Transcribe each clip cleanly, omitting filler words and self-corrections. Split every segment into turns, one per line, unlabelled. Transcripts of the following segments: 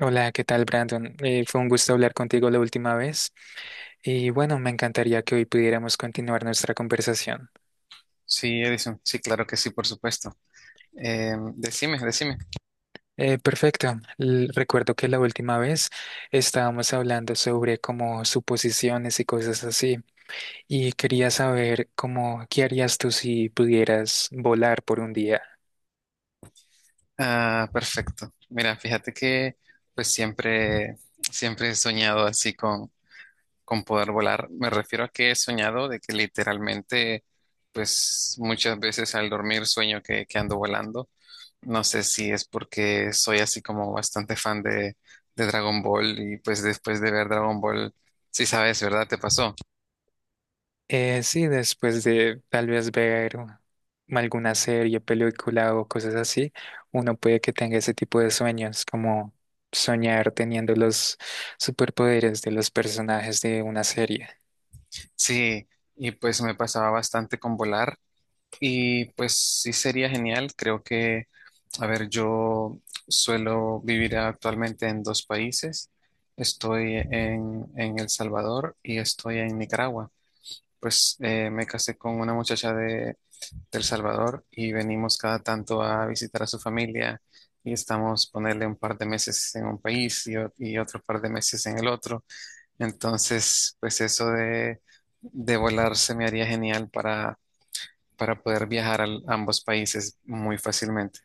Hola, ¿qué tal, Brandon? Fue un gusto hablar contigo la última vez y bueno, me encantaría que hoy pudiéramos continuar nuestra conversación.
Sí, Edison, sí, claro que sí, por supuesto. Decime, decime.
Perfecto. Recuerdo que la última vez estábamos hablando sobre como suposiciones y cosas así y quería saber cómo, ¿qué harías tú si pudieras volar por un día?
Ah, perfecto. Mira, fíjate que pues siempre, siempre he soñado así con poder volar. Me refiero a que he soñado de que literalmente pues muchas veces al dormir sueño que ando volando. No sé si es porque soy así como bastante fan de Dragon Ball y pues después de ver Dragon Ball, sí sabes, ¿verdad? ¿Te pasó?
Sí, después de tal vez ver alguna serie, película o cosas así, uno puede que tenga ese tipo de sueños, como soñar teniendo los superpoderes de los personajes de una serie.
Sí, y pues me pasaba bastante con volar. Y pues sí sería genial. Creo que, a ver, yo suelo vivir actualmente en dos países. Estoy en El Salvador y estoy en Nicaragua. Pues me casé con una muchacha de El Salvador y venimos cada tanto a visitar a su familia y estamos ponerle un par de meses en un país y, y otro par de meses en el otro. Entonces, pues eso de volar se me haría genial para poder viajar a ambos países muy fácilmente.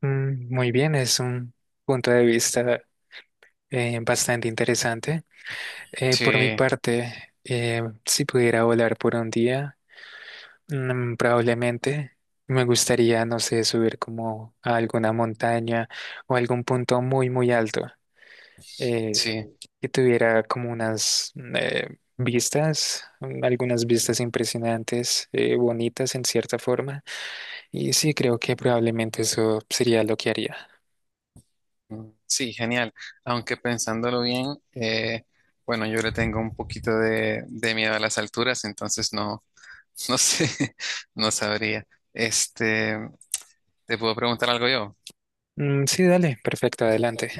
Muy bien, es un punto de vista bastante interesante. Por mi
Sí, sí, sí,
parte, si pudiera volar por un día, probablemente me gustaría, no sé, subir como a alguna montaña o algún punto muy, muy alto eh, que tuviera como unas vistas, algunas vistas impresionantes, bonitas en cierta forma. Y sí, creo que probablemente eso sería lo que haría.
mm, sí, genial. Aunque pensándolo bien, eh, bueno, yo le tengo un poquito de miedo a las alturas, entonces no, no sé, no sabría. Este, te puedo preguntar algo yo.
Sí, dale, perfecto, adelante.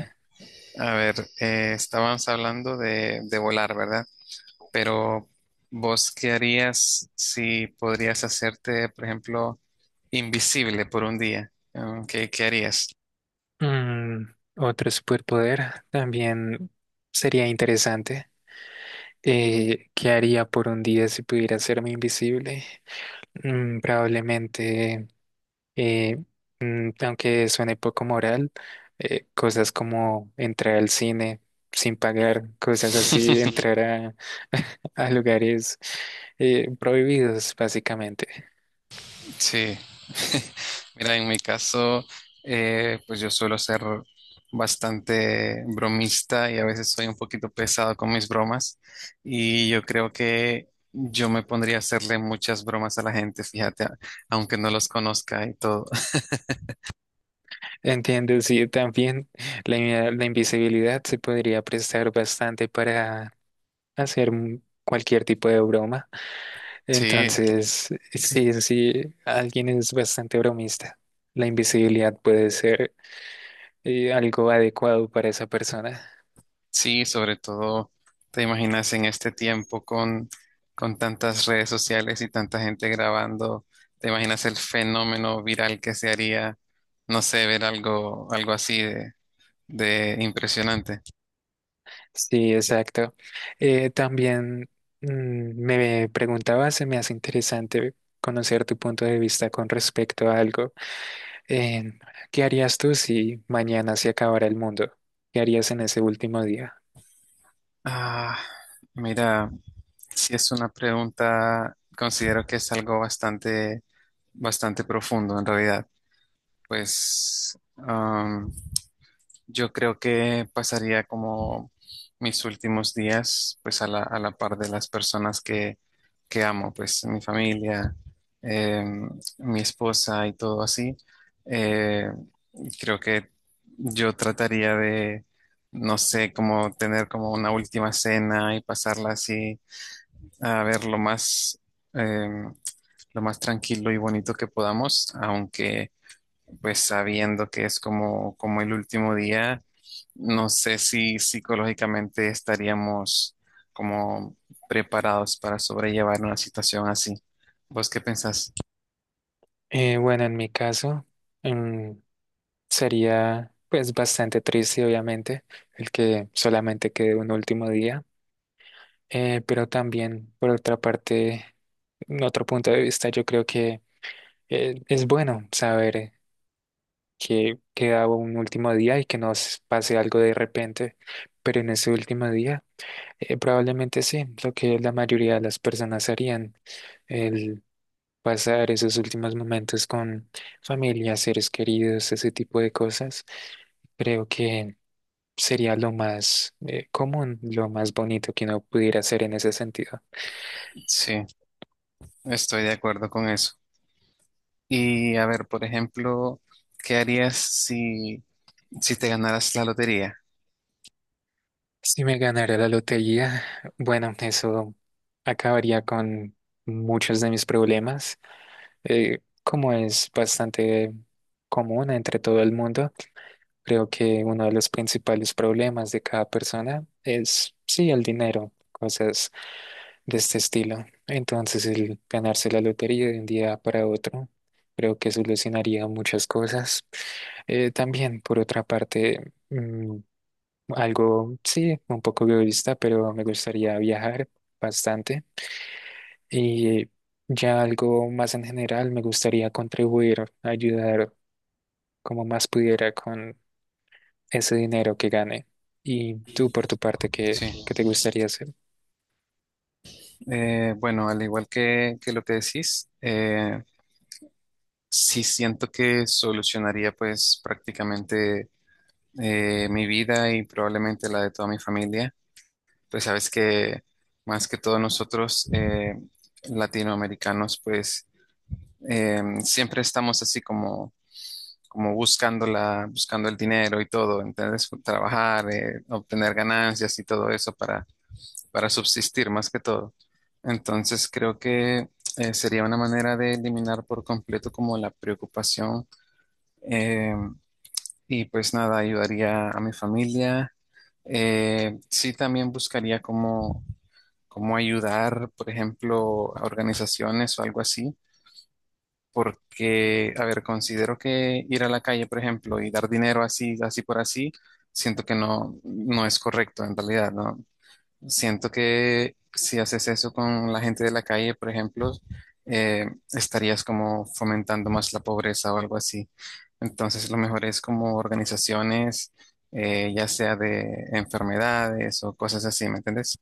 A ver, estábamos hablando de volar, ¿verdad? Pero ¿vos qué harías si podrías hacerte, por ejemplo, invisible por un día? Mm, ¿qué, qué harías?
Otro superpoder también sería interesante. ¿Qué haría por un día si pudiera hacerme invisible? Mm, probablemente, eh, aunque suene poco moral, cosas como entrar al cine sin pagar, cosas así, entrar a, a lugares prohibidos, básicamente.
Sí, mira, en mi caso, pues yo suelo ser bastante bromista y a veces soy un poquito pesado con mis bromas y yo creo que yo me pondría a hacerle muchas bromas a la gente, fíjate, a- aunque no los conozca y todo.
Entiendo, sí, también la invisibilidad se podría prestar bastante para hacer cualquier tipo de broma.
Sí,
Entonces, sí, sí, alguien es bastante bromista. La invisibilidad puede ser y algo adecuado para esa persona.
sí, sobre todo, te imaginas en este tiempo con tantas redes sociales y tanta gente grabando, te imaginas el fenómeno viral que se haría, no sé, ver algo, algo así de impresionante.
Sí, exacto. También mm, me preguntaba, se me hace interesante conocer tu punto de vista con respecto a algo. Em, ¿Qué harías tú si mañana se acabara el mundo? ¿Qué harías en ese último día?
Ah, mira, si es una pregunta, considero que es algo bastante, bastante profundo en realidad. Pues, yo creo que pasaría como mis últimos días, pues a a la par de las personas que amo, pues mi familia, eh, mi esposa y todo así. Eh, creo que yo trataría de, no sé, como tener como una última cena y pasarla así a ver eh, lo más tranquilo y bonito que podamos, aunque pues sabiendo que es como, como el último día, no sé si psicológicamente estaríamos como preparados para sobrellevar una situación así. ¿Vos qué pensás?
Bueno, en mi caso, mm, sería pues bastante triste, obviamente, el que solamente quede un último día. Pero también, por otra parte, en otro punto de vista, yo creo que es bueno saber que queda un último día y que nos pase algo de repente, pero en ese último día probablemente sí, lo que la mayoría de las personas harían, el pasar esos últimos momentos con familia, seres queridos, ese tipo de cosas, creo que sería lo más común, lo más bonito que uno pudiera hacer en ese sentido.
Sí, estoy de acuerdo con eso. Y a ver, por ejemplo, ¿qué harías si te ganaras la lotería?
Si me ganara la lotería, bueno, eso acabaría con muchos de mis problemas. Como es bastante común entre todo el mundo, creo que uno de los principales problemas de cada persona es, sí, el dinero, cosas de este estilo. Entonces, el ganarse la lotería de un día para otro, creo que solucionaría muchas cosas. También, por otra parte, algo, sí, un poco egoísta, pero me gustaría viajar bastante. Y ya algo más en general, me gustaría contribuir, ayudar como más pudiera con ese dinero que gane. Y tú, por tu parte, ¿qué,
Sí.
qué te gustaría hacer?
Bueno, al igual que lo que decís, sí siento que solucionaría pues prácticamente mi vida y probablemente la de toda mi familia. Pues sabes que más que todos nosotros latinoamericanos, pues siempre estamos así como, como buscando buscando el dinero y todo, entonces trabajar, obtener ganancias y todo eso para subsistir más que todo. Entonces creo que sería una manera de eliminar por completo como la preocupación, eh, y pues nada, ayudaría a mi familia. Sí, también buscaría cómo, cómo ayudar, por ejemplo, a organizaciones o algo así, porque, a ver, considero que ir a la calle, por ejemplo, y dar dinero así, así por así, siento que no, no es correcto en realidad, ¿no? Siento que si haces eso con la gente de la calle, por ejemplo, eh, estarías como fomentando más la pobreza o algo así. Entonces, lo mejor es como organizaciones, ya sea de enfermedades o cosas así, ¿me entiendes?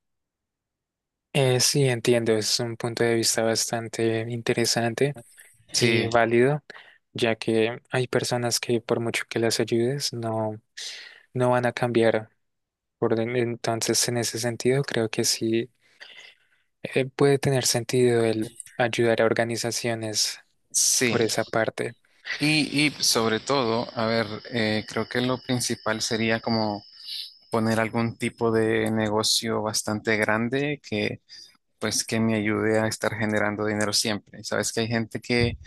Sí, entiendo, es un punto de vista bastante interesante y
Sí,
válido, ya que hay personas que por mucho que las ayudes, no, no van a cambiar. Entonces, en ese sentido, creo que sí. Puede tener sentido el ayudar a organizaciones
sí.
por esa parte.
Y sobre todo, a ver, creo que lo principal sería como poner algún tipo de negocio bastante grande que, pues, que me ayude a estar generando dinero siempre. Sabes que hay gente que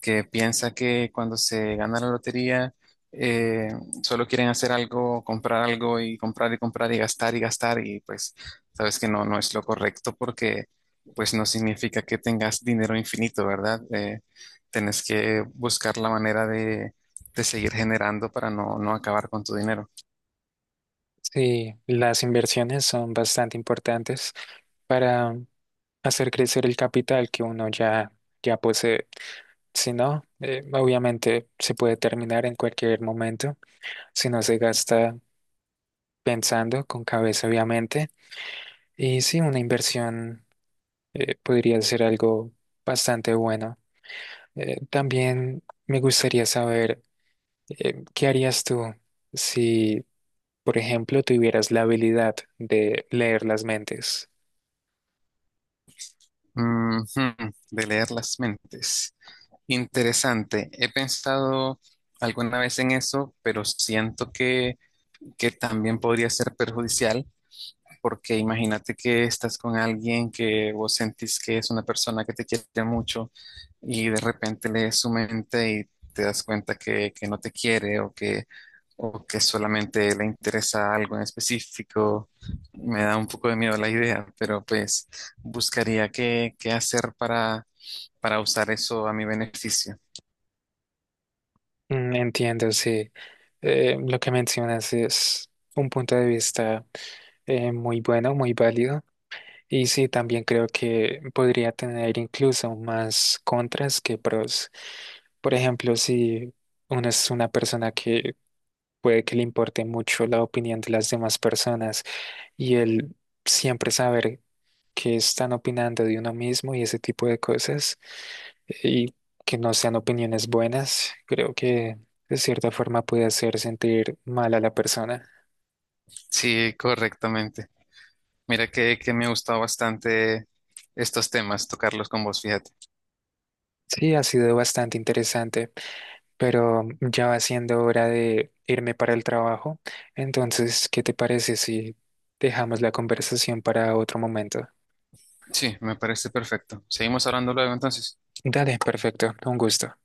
que piensa que cuando se gana la lotería eh, solo quieren hacer algo, comprar algo y comprar y comprar y gastar y gastar y pues sabes que no, no es lo correcto porque pues no significa que tengas dinero infinito, ¿verdad? Tenés que buscar la manera de seguir generando para no, no acabar con tu dinero.
Sí, las inversiones son bastante importantes para hacer crecer el capital que uno ya, ya posee. Si no, obviamente se puede terminar en cualquier momento, si no se gasta pensando con cabeza, obviamente. Y sí, una inversión podría ser algo bastante bueno. También me gustaría saber ¿qué harías tú si, por ejemplo, tuvieras la habilidad de leer las mentes?
Ujú, de leer las mentes. Interesante. He pensado alguna vez en eso, pero siento que también podría ser perjudicial, porque imagínate que estás con alguien que vos sentís que es una persona que te quiere mucho y de repente lees su mente y te das cuenta que no te quiere o que solamente le interesa algo en específico. Me da un poco de miedo la idea, pero pues buscaría qué, qué hacer para usar eso a mi beneficio.
Entiendo, sí. Lo que mencionas es un punto de vista muy bueno, muy válido. Y sí, también creo que podría tener incluso más contras que pros. Por ejemplo, si uno es una persona que puede que le importe mucho la opinión de las demás personas, y el siempre saber que están opinando de uno mismo y ese tipo de cosas y que no sean opiniones buenas, creo que de cierta forma puede hacer sentir mal a la persona.
Sí, correctamente. Mira que me gusta bastante estos temas, tocarlos con vos, fíjate.
Sí, ha sido bastante interesante, pero ya va siendo hora de irme para el trabajo. Entonces, ¿qué te parece si dejamos la conversación para otro momento?
Sí, me parece perfecto. Seguimos hablando luego entonces.
Dale, perfecto, un gusto.